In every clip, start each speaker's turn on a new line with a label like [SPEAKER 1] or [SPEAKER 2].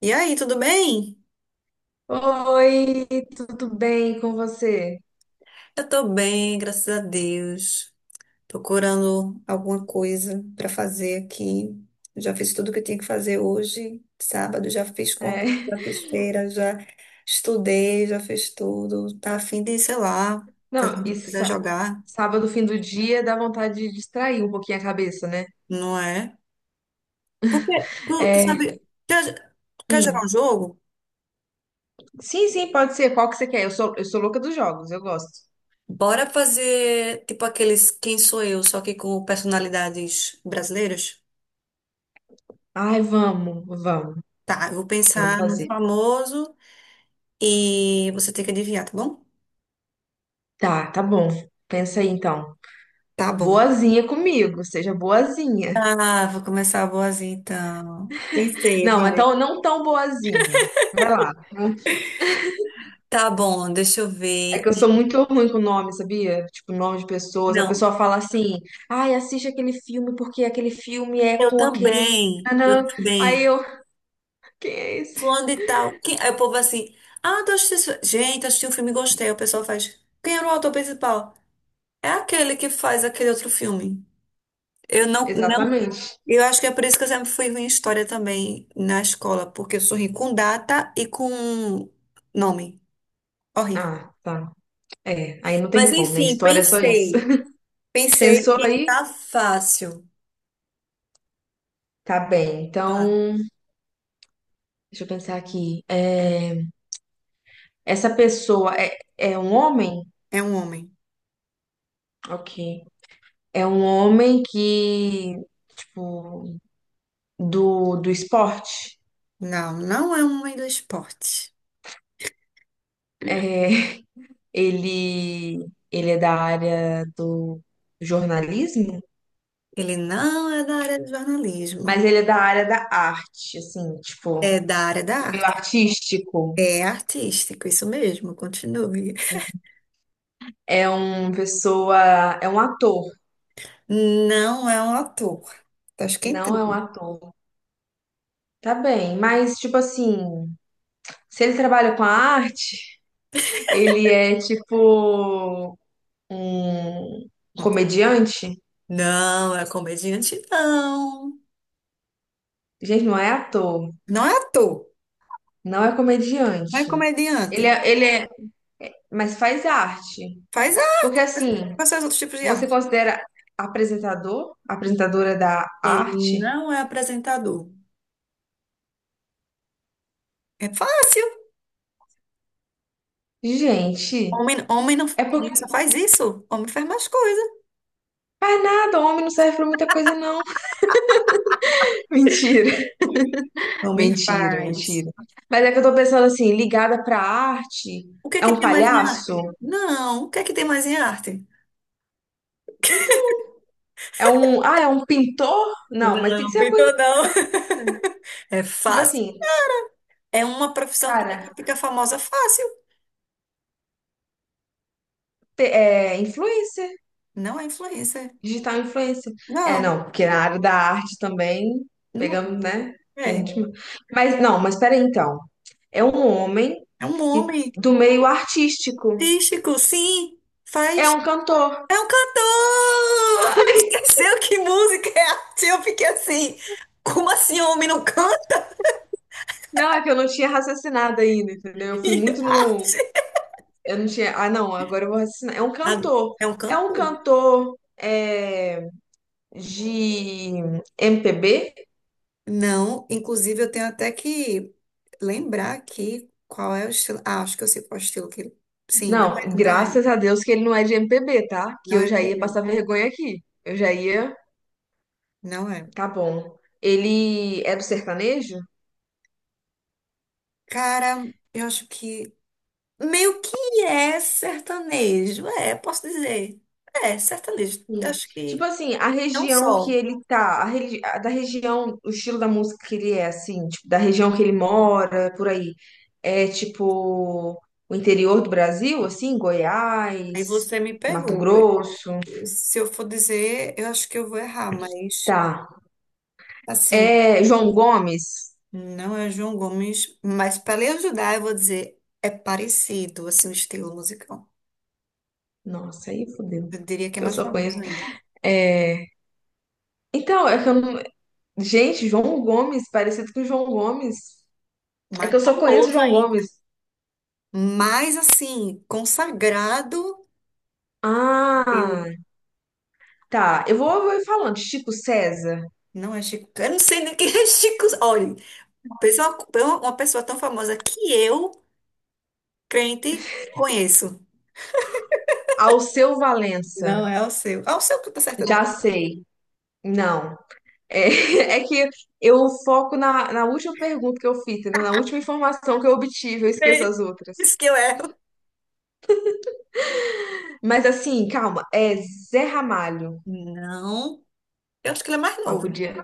[SPEAKER 1] E aí, tudo bem?
[SPEAKER 2] Oi, tudo bem com você?
[SPEAKER 1] Eu tô bem, graças a Deus. Procurando alguma coisa para fazer aqui. Já fiz tudo que eu tinha que fazer hoje, sábado, já fiz
[SPEAKER 2] É.
[SPEAKER 1] compra, já fiz feira, já estudei, já fiz tudo. Tá a fim de, sei lá, fazer
[SPEAKER 2] Não,
[SPEAKER 1] uma coisa, jogar,
[SPEAKER 2] sábado, fim do dia, dá vontade de distrair um pouquinho a cabeça, né?
[SPEAKER 1] não é? Porque tu
[SPEAKER 2] É,
[SPEAKER 1] sabe, quer, quer jogar
[SPEAKER 2] hum,
[SPEAKER 1] um jogo?
[SPEAKER 2] sim, sim, pode ser. Qual que você quer? Eu sou louca dos jogos, eu gosto.
[SPEAKER 1] Bora fazer tipo aqueles Quem Sou Eu, só que com personalidades brasileiras?
[SPEAKER 2] Ai,
[SPEAKER 1] Tá, eu vou
[SPEAKER 2] vamos
[SPEAKER 1] pensar no
[SPEAKER 2] fazer.
[SPEAKER 1] famoso. E você tem que adivinhar, tá bom?
[SPEAKER 2] Tá, tá bom. Pensa aí então.
[SPEAKER 1] Tá bom.
[SPEAKER 2] Boazinha comigo, seja boazinha.
[SPEAKER 1] Ah, vou começar a boazinha então. Pensei,
[SPEAKER 2] Não,
[SPEAKER 1] vai.
[SPEAKER 2] então não tão boazinha. Vai lá.
[SPEAKER 1] Tá bom, deixa eu
[SPEAKER 2] É
[SPEAKER 1] ver.
[SPEAKER 2] que eu sou muito ruim com nome, sabia? Tipo, nome de pessoas. A
[SPEAKER 1] Não,
[SPEAKER 2] pessoa fala assim, ai, assiste aquele filme porque aquele filme é
[SPEAKER 1] eu
[SPEAKER 2] com aquele.
[SPEAKER 1] também, eu
[SPEAKER 2] Tanã". Aí
[SPEAKER 1] também.
[SPEAKER 2] eu, quem é esse?
[SPEAKER 1] Fulano de tal. Quem... Aí o povo é assim, ah, tô assistindo... Gente, assisti um filme e gostei. O pessoal faz, quem era o autor principal? É aquele que faz aquele outro filme. Eu não, não.
[SPEAKER 2] Exatamente.
[SPEAKER 1] Eu acho que é por isso que eu sempre fui ruim em história também na escola, porque eu sou ruim com data e com nome. Horrível.
[SPEAKER 2] Ah, tá. É, aí não tem
[SPEAKER 1] Mas
[SPEAKER 2] como, né?
[SPEAKER 1] enfim,
[SPEAKER 2] História é só isso.
[SPEAKER 1] pensei. Pensei
[SPEAKER 2] Pensou
[SPEAKER 1] que
[SPEAKER 2] aí?
[SPEAKER 1] tá fácil.
[SPEAKER 2] Tá bem. Então,
[SPEAKER 1] Tá.
[SPEAKER 2] deixa eu pensar aqui. É, essa pessoa é um homem?
[SPEAKER 1] É um homem.
[SPEAKER 2] Ok. É um homem que, tipo, do esporte?
[SPEAKER 1] Não, não é um homem do esporte.
[SPEAKER 2] É. Ele é da área do jornalismo,
[SPEAKER 1] Ele não é da área do jornalismo.
[SPEAKER 2] mas ele é da área da arte, assim, tipo,
[SPEAKER 1] É da área da
[SPEAKER 2] do meio
[SPEAKER 1] arte.
[SPEAKER 2] artístico.
[SPEAKER 1] É artístico, isso mesmo, continue.
[SPEAKER 2] É uma pessoa, é um ator,
[SPEAKER 1] Não é um ator. Tá
[SPEAKER 2] não é um
[SPEAKER 1] esquentando.
[SPEAKER 2] ator. Tá bem, mas tipo assim, se ele trabalha com a arte, ele é tipo um comediante?
[SPEAKER 1] Não é comediante, não.
[SPEAKER 2] Gente, não é ator,
[SPEAKER 1] Não é ator.
[SPEAKER 2] não é
[SPEAKER 1] Não é
[SPEAKER 2] comediante.
[SPEAKER 1] comediante.
[SPEAKER 2] Ele é, mas faz arte.
[SPEAKER 1] Faz a...
[SPEAKER 2] Porque assim,
[SPEAKER 1] Quais são os outros tipos de
[SPEAKER 2] você
[SPEAKER 1] arte?
[SPEAKER 2] considera apresentador? Apresentadora da arte?
[SPEAKER 1] Ele não é apresentador. É fácil.
[SPEAKER 2] Gente,
[SPEAKER 1] Homem, homem não
[SPEAKER 2] é porque.
[SPEAKER 1] só faz isso. Homem faz mais coisas.
[SPEAKER 2] Faz nada, homem não serve pra muita coisa, não. Mentira,
[SPEAKER 1] Não me
[SPEAKER 2] mentira,
[SPEAKER 1] faz.
[SPEAKER 2] mentira. Mas é que eu tô pensando assim, ligada pra arte,
[SPEAKER 1] O que é
[SPEAKER 2] é
[SPEAKER 1] que
[SPEAKER 2] um
[SPEAKER 1] tem mais em
[SPEAKER 2] palhaço?
[SPEAKER 1] arte? Não, o que é que tem mais em arte?
[SPEAKER 2] Então, é um. Ah, é um pintor? Não, mas tem que
[SPEAKER 1] Não,
[SPEAKER 2] ser uma coisa
[SPEAKER 1] pintor não.
[SPEAKER 2] brasileira.
[SPEAKER 1] É
[SPEAKER 2] Tipo
[SPEAKER 1] fácil.
[SPEAKER 2] assim,
[SPEAKER 1] É uma profissão que
[SPEAKER 2] cara,
[SPEAKER 1] fica famosa fácil.
[SPEAKER 2] é influencer.
[SPEAKER 1] Não é influencer.
[SPEAKER 2] Digital influencer. É,
[SPEAKER 1] Não,
[SPEAKER 2] não, porque na área da arte também
[SPEAKER 1] não.
[SPEAKER 2] pegamos, né? Tem
[SPEAKER 1] É,
[SPEAKER 2] de- Mas não, mas peraí então. É um homem
[SPEAKER 1] é um
[SPEAKER 2] que
[SPEAKER 1] homem
[SPEAKER 2] do meio artístico.
[SPEAKER 1] artístico, sim.
[SPEAKER 2] É
[SPEAKER 1] Faz.
[SPEAKER 2] um cantor.
[SPEAKER 1] É um cantor! Esqueceu que música é arte? Eu fiquei assim. Como assim, homem não canta?
[SPEAKER 2] Não, é que eu não tinha raciocinado ainda, entendeu? Eu fui muito no.
[SPEAKER 1] Arte?
[SPEAKER 2] Eu não tinha. Ah, não, agora eu vou raciocinar. É um
[SPEAKER 1] Ah,
[SPEAKER 2] cantor.
[SPEAKER 1] é um
[SPEAKER 2] É um
[SPEAKER 1] cantor.
[SPEAKER 2] cantor é, de MPB?
[SPEAKER 1] Não, inclusive eu tenho até que lembrar aqui qual é o estilo. Ah, acho que eu sei qual é o estilo que ele. Sim, não
[SPEAKER 2] Não,
[SPEAKER 1] é, não é,
[SPEAKER 2] graças a Deus que ele não é de MPB, tá? Que
[SPEAKER 1] não é
[SPEAKER 2] eu já ia
[SPEAKER 1] MPB,
[SPEAKER 2] passar vergonha aqui. Eu já ia.
[SPEAKER 1] não é.
[SPEAKER 2] Tá bom. Ele é do sertanejo?
[SPEAKER 1] Cara, eu acho que meio que é sertanejo, posso dizer. É, sertanejo.
[SPEAKER 2] Sim.
[SPEAKER 1] Eu acho
[SPEAKER 2] Tipo
[SPEAKER 1] que
[SPEAKER 2] assim, a
[SPEAKER 1] não
[SPEAKER 2] região que
[SPEAKER 1] só.
[SPEAKER 2] ele tá, a a da região, o estilo da música que ele é, assim, tipo, da região que ele mora, por aí. É tipo o interior do Brasil, assim,
[SPEAKER 1] Aí
[SPEAKER 2] Goiás,
[SPEAKER 1] você me
[SPEAKER 2] Mato
[SPEAKER 1] pegou.
[SPEAKER 2] Grosso.
[SPEAKER 1] Se eu for dizer, eu acho que eu vou errar, mas
[SPEAKER 2] Tá.
[SPEAKER 1] assim,
[SPEAKER 2] É João Gomes?
[SPEAKER 1] não é João Gomes, mas para lhe ajudar, eu vou dizer, é parecido assim o estilo musical.
[SPEAKER 2] Nossa, aí fodeu.
[SPEAKER 1] Eu diria que é
[SPEAKER 2] Que eu
[SPEAKER 1] mais
[SPEAKER 2] só
[SPEAKER 1] famoso
[SPEAKER 2] conheço.
[SPEAKER 1] ainda.
[SPEAKER 2] É... Então, é que eu não... Gente, João Gomes, parecido com João Gomes. É
[SPEAKER 1] Mais
[SPEAKER 2] que eu só conheço
[SPEAKER 1] famoso
[SPEAKER 2] João
[SPEAKER 1] ainda.
[SPEAKER 2] Gomes.
[SPEAKER 1] Mais assim, consagrado.
[SPEAKER 2] Ah,
[SPEAKER 1] Eu-
[SPEAKER 2] tá. Eu vou falando. Chico César,
[SPEAKER 1] Não é Chico. Eu não sei nem quem é Chico. Olha, pessoa- uma pessoa tão famosa que eu, crente, conheço.
[SPEAKER 2] Alceu Valença.
[SPEAKER 1] Não, é o seu. É o seu que tá certo
[SPEAKER 2] Já
[SPEAKER 1] dele.
[SPEAKER 2] sei. Não. É, é que eu foco na, na última pergunta que eu fiz, entendeu? Na última informação que eu obtive, eu
[SPEAKER 1] É
[SPEAKER 2] esqueço as outras.
[SPEAKER 1] isso que eu erro.
[SPEAKER 2] Mas assim, calma. É Zé Ramalho.
[SPEAKER 1] Não. Eu acho que ele é mais
[SPEAKER 2] Mas
[SPEAKER 1] novo.
[SPEAKER 2] podia.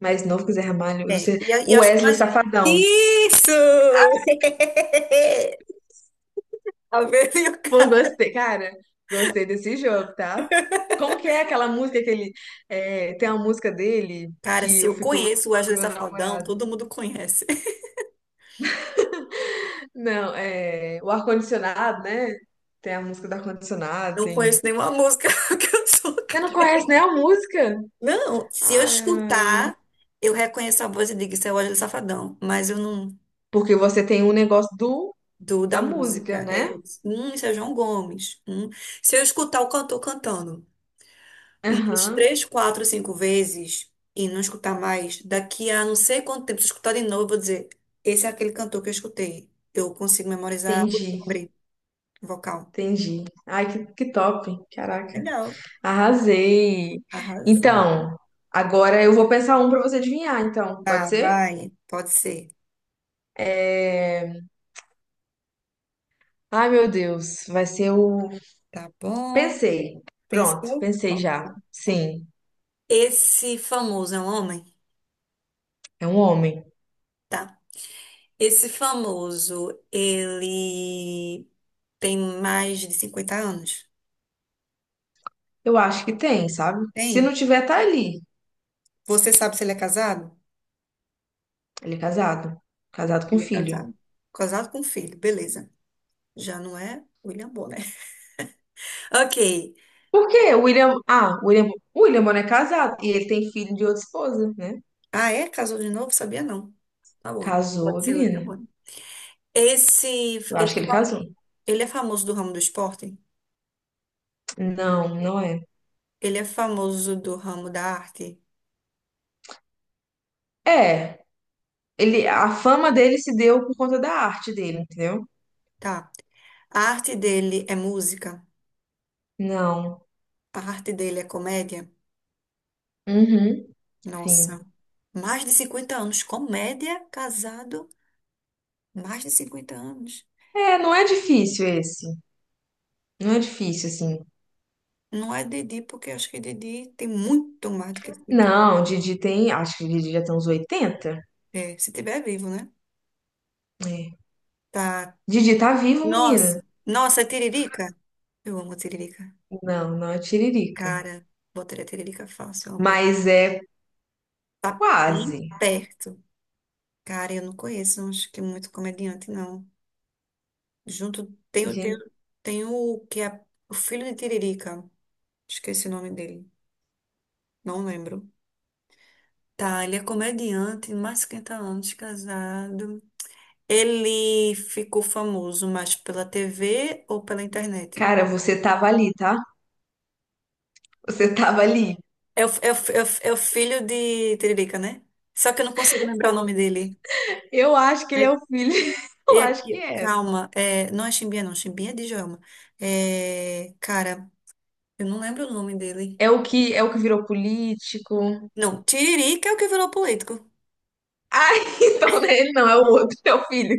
[SPEAKER 2] Mais novo que Zé Ramalho.
[SPEAKER 1] É,
[SPEAKER 2] Você...
[SPEAKER 1] e eu acho que
[SPEAKER 2] Wesley
[SPEAKER 1] mais.
[SPEAKER 2] Safadão.
[SPEAKER 1] Isso! Tá vendo? Meu
[SPEAKER 2] Pô,
[SPEAKER 1] cara,
[SPEAKER 2] gostei, cara. Gostei desse jogo, tá? Como que é aquela música que ele. É, tem uma música dele
[SPEAKER 1] cara,
[SPEAKER 2] que
[SPEAKER 1] se
[SPEAKER 2] eu
[SPEAKER 1] eu
[SPEAKER 2] fico
[SPEAKER 1] conheço o
[SPEAKER 2] zoando
[SPEAKER 1] Wesley
[SPEAKER 2] meu
[SPEAKER 1] Safadão,
[SPEAKER 2] namorado.
[SPEAKER 1] todo mundo conhece.
[SPEAKER 2] Não, é o ar-condicionado, né? Tem a música do ar-condicionado,
[SPEAKER 1] Não
[SPEAKER 2] tem.
[SPEAKER 1] conheço nenhuma música que eu sou
[SPEAKER 2] Você não conhece nem
[SPEAKER 1] crente.
[SPEAKER 2] a música?
[SPEAKER 1] Não, se eu
[SPEAKER 2] Ai,
[SPEAKER 1] escutar, eu reconheço a voz e digo, isso é o Wesley Safadão, mas eu não
[SPEAKER 2] porque você tem um negócio do
[SPEAKER 1] do
[SPEAKER 2] da
[SPEAKER 1] da música.
[SPEAKER 2] música,
[SPEAKER 1] É,
[SPEAKER 2] né?
[SPEAKER 1] isso é João Gomes. Hum. Se eu escutar o cantor cantando umas
[SPEAKER 2] Aham,
[SPEAKER 1] 3, 4, 5 vezes e não escutar mais, daqui a não sei quanto tempo, se eu escutar de novo, eu vou dizer, esse é aquele cantor que eu escutei. Eu consigo memorizar o
[SPEAKER 2] entendi,
[SPEAKER 1] timbre vocal.
[SPEAKER 2] entendi. Ai, que top, caraca,
[SPEAKER 1] Legal,
[SPEAKER 2] arrasei.
[SPEAKER 1] arrasou.
[SPEAKER 2] Então, agora eu vou pensar um pra você adivinhar, então, pode
[SPEAKER 1] Tá,
[SPEAKER 2] ser?
[SPEAKER 1] vai, pode ser.
[SPEAKER 2] É... Ai, meu Deus, vai ser o.
[SPEAKER 1] Tá bom.
[SPEAKER 2] Pensei, pronto,
[SPEAKER 1] Pensou?
[SPEAKER 2] pensei
[SPEAKER 1] Pronto.
[SPEAKER 2] já. Sim,
[SPEAKER 1] Esse famoso é um homem?
[SPEAKER 2] é um homem.
[SPEAKER 1] Tá. Esse famoso, ele tem mais de 50 anos?
[SPEAKER 2] Eu acho que tem, sabe? Se
[SPEAKER 1] Tem?
[SPEAKER 2] não tiver, tá ali.
[SPEAKER 1] Você sabe se ele é casado?
[SPEAKER 2] Ele é casado. Casado com
[SPEAKER 1] Ele é
[SPEAKER 2] filho.
[SPEAKER 1] casado. Casado com filho, beleza. Já não é William Bonner. Ok.
[SPEAKER 2] Por quê? O William. Ah, o William Bonner é casado. E ele tem filho de outra esposa, né?
[SPEAKER 1] Ah, é? Casou de novo? Sabia não. Tá bom, então.
[SPEAKER 2] Casou a
[SPEAKER 1] Pode ser William
[SPEAKER 2] menina.
[SPEAKER 1] Bonner. Esse,
[SPEAKER 2] Eu acho que
[SPEAKER 1] ele,
[SPEAKER 2] ele casou.
[SPEAKER 1] ele é famoso do ramo do esporte?
[SPEAKER 2] Não, não é.
[SPEAKER 1] Ele é famoso do ramo da arte?
[SPEAKER 2] É. Ele, a fama dele se deu por conta da arte dele, entendeu?
[SPEAKER 1] Tá. A arte dele é música?
[SPEAKER 2] Não.
[SPEAKER 1] A arte dele é comédia?
[SPEAKER 2] Uhum,
[SPEAKER 1] Nossa,
[SPEAKER 2] sim.
[SPEAKER 1] mais de 50 anos. Comédia, casado, mais de 50 anos.
[SPEAKER 2] É, não é difícil esse. Não é difícil, assim.
[SPEAKER 1] Não é Didi, porque acho que Didi tem muito mais do que 50 anos.
[SPEAKER 2] Não, Didi tem. Acho que Didi já tem uns 80.
[SPEAKER 1] É, se tiver vivo, né?
[SPEAKER 2] É.
[SPEAKER 1] Tá.
[SPEAKER 2] Didi tá vivo, menina.
[SPEAKER 1] Nossa, nossa, é Tiririca? Eu amo Tiririca.
[SPEAKER 2] Não, não é tiririca.
[SPEAKER 1] Cara, botaria Tiririca fácil, amor.
[SPEAKER 2] Mas é
[SPEAKER 1] Tá bem
[SPEAKER 2] quase.
[SPEAKER 1] perto. Cara, eu não conheço, acho que é muito comediante, não. Junto tem o, tem,
[SPEAKER 2] Gente,
[SPEAKER 1] o- tem o que é o filho de Tiririca. Esqueci o nome dele. Não lembro. Tá, ele é comediante, mais de 50 anos casado. Ele ficou famoso mais pela TV ou pela internet?
[SPEAKER 2] cara, você tava ali, tá? Você tava ali.
[SPEAKER 1] É o filho de Tiririca, né? Só que eu não consigo lembrar o nome dele.
[SPEAKER 2] Eu acho que ele é
[SPEAKER 1] É,
[SPEAKER 2] o filho. Eu
[SPEAKER 1] é
[SPEAKER 2] acho que
[SPEAKER 1] aqui,
[SPEAKER 2] é.
[SPEAKER 1] calma, não é Chimbinha, não. Chimbinha é de Djalma. É, cara, eu não lembro o nome dele.
[SPEAKER 2] É o que virou político.
[SPEAKER 1] Não, Tiririca é o que virou político.
[SPEAKER 2] Ah, então não é ele não é o outro, é o filho.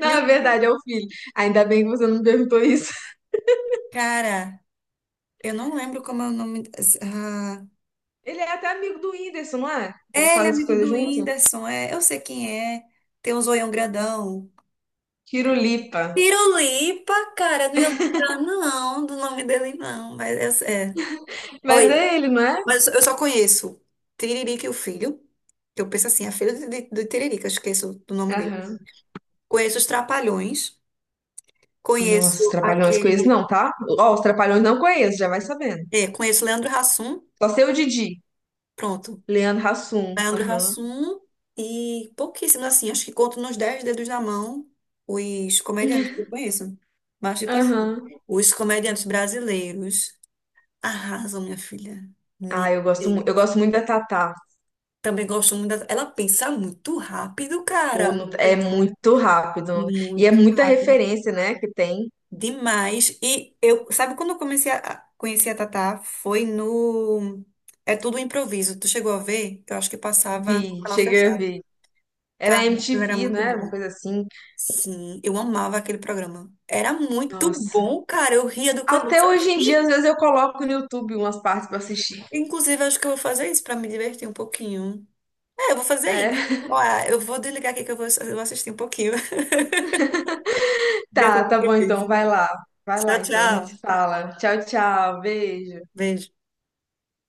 [SPEAKER 1] Meu Deus,
[SPEAKER 2] verdade, é o filho. Ainda bem que você não me perguntou isso.
[SPEAKER 1] cara, eu não lembro como é o nome. Ah,
[SPEAKER 2] Ele é até amigo do Whindersson, não é? Eles
[SPEAKER 1] é, ele é
[SPEAKER 2] fazem as
[SPEAKER 1] amigo
[SPEAKER 2] coisas
[SPEAKER 1] do
[SPEAKER 2] juntos.
[SPEAKER 1] Whindersson, eu sei quem é. Tem um zoião grandão.
[SPEAKER 2] Tirulipa.
[SPEAKER 1] Pirulipa, cara, não ia lembrar não do nome dele não, mas é.
[SPEAKER 2] Mas
[SPEAKER 1] Oi,
[SPEAKER 2] é ele, não é?
[SPEAKER 1] mas eu só conheço Tiririca e o Filho, que eu penso assim, é filho de Tiririca, eu esqueço do nome dele.
[SPEAKER 2] Aham.
[SPEAKER 1] Conheço os Trapalhões,
[SPEAKER 2] Nossa,
[SPEAKER 1] conheço
[SPEAKER 2] os Trapalhões conheço
[SPEAKER 1] aquele,
[SPEAKER 2] não, tá? Ó, os Trapalhões não conheço, já vai sabendo.
[SPEAKER 1] conheço Leandro Hassum,
[SPEAKER 2] Só sei o Didi.
[SPEAKER 1] pronto.
[SPEAKER 2] Leandro Hassum.
[SPEAKER 1] Leandro
[SPEAKER 2] Aham.
[SPEAKER 1] Hassum e pouquíssimos, assim, acho que conto nos dez dedos da mão os comediantes que eu conheço. Mas, tipo assim,
[SPEAKER 2] Aham.
[SPEAKER 1] os comediantes brasileiros arrasam, minha filha.
[SPEAKER 2] Ah,
[SPEAKER 1] Meu
[SPEAKER 2] eu gosto, eu
[SPEAKER 1] Deus.
[SPEAKER 2] gosto muito da Tatá.
[SPEAKER 1] Também gosto muito da... Ela pensa muito rápido,
[SPEAKER 2] Pô,
[SPEAKER 1] cara.
[SPEAKER 2] não-
[SPEAKER 1] É
[SPEAKER 2] É muito rápido. E é
[SPEAKER 1] muito
[SPEAKER 2] muita
[SPEAKER 1] rápido.
[SPEAKER 2] referência, né, que tem.
[SPEAKER 1] Demais. E eu, sabe quando eu comecei a conhecer a Tatá? Foi no. É tudo um improviso. Tu chegou a ver? Eu acho que passava no
[SPEAKER 2] Vi,
[SPEAKER 1] canal
[SPEAKER 2] cheguei a
[SPEAKER 1] fechado.
[SPEAKER 2] ver. Era
[SPEAKER 1] Cara, ela era
[SPEAKER 2] MTV,
[SPEAKER 1] muito
[SPEAKER 2] né? Uma
[SPEAKER 1] boa.
[SPEAKER 2] coisa assim.
[SPEAKER 1] Sim, eu amava aquele programa. Era muito
[SPEAKER 2] Nossa.
[SPEAKER 1] bom, cara. Eu ria do
[SPEAKER 2] Até
[SPEAKER 1] começo ao
[SPEAKER 2] hoje em dia, às
[SPEAKER 1] fim.
[SPEAKER 2] vezes eu coloco no YouTube umas partes pra assistir.
[SPEAKER 1] Inclusive, acho que eu vou fazer isso pra me divertir um pouquinho. É, eu vou fazer
[SPEAKER 2] É.
[SPEAKER 1] isso. Olha, eu vou desligar aqui que eu vou, assistir um pouquinho. Dentro
[SPEAKER 2] Tá,
[SPEAKER 1] do
[SPEAKER 2] tá
[SPEAKER 1] que eu
[SPEAKER 2] bom então.
[SPEAKER 1] fiz.
[SPEAKER 2] Vai lá. Vai lá
[SPEAKER 1] Tchau,
[SPEAKER 2] então, a gente se
[SPEAKER 1] tchau.
[SPEAKER 2] fala. Tchau, tchau. Beijo.
[SPEAKER 1] Beijo.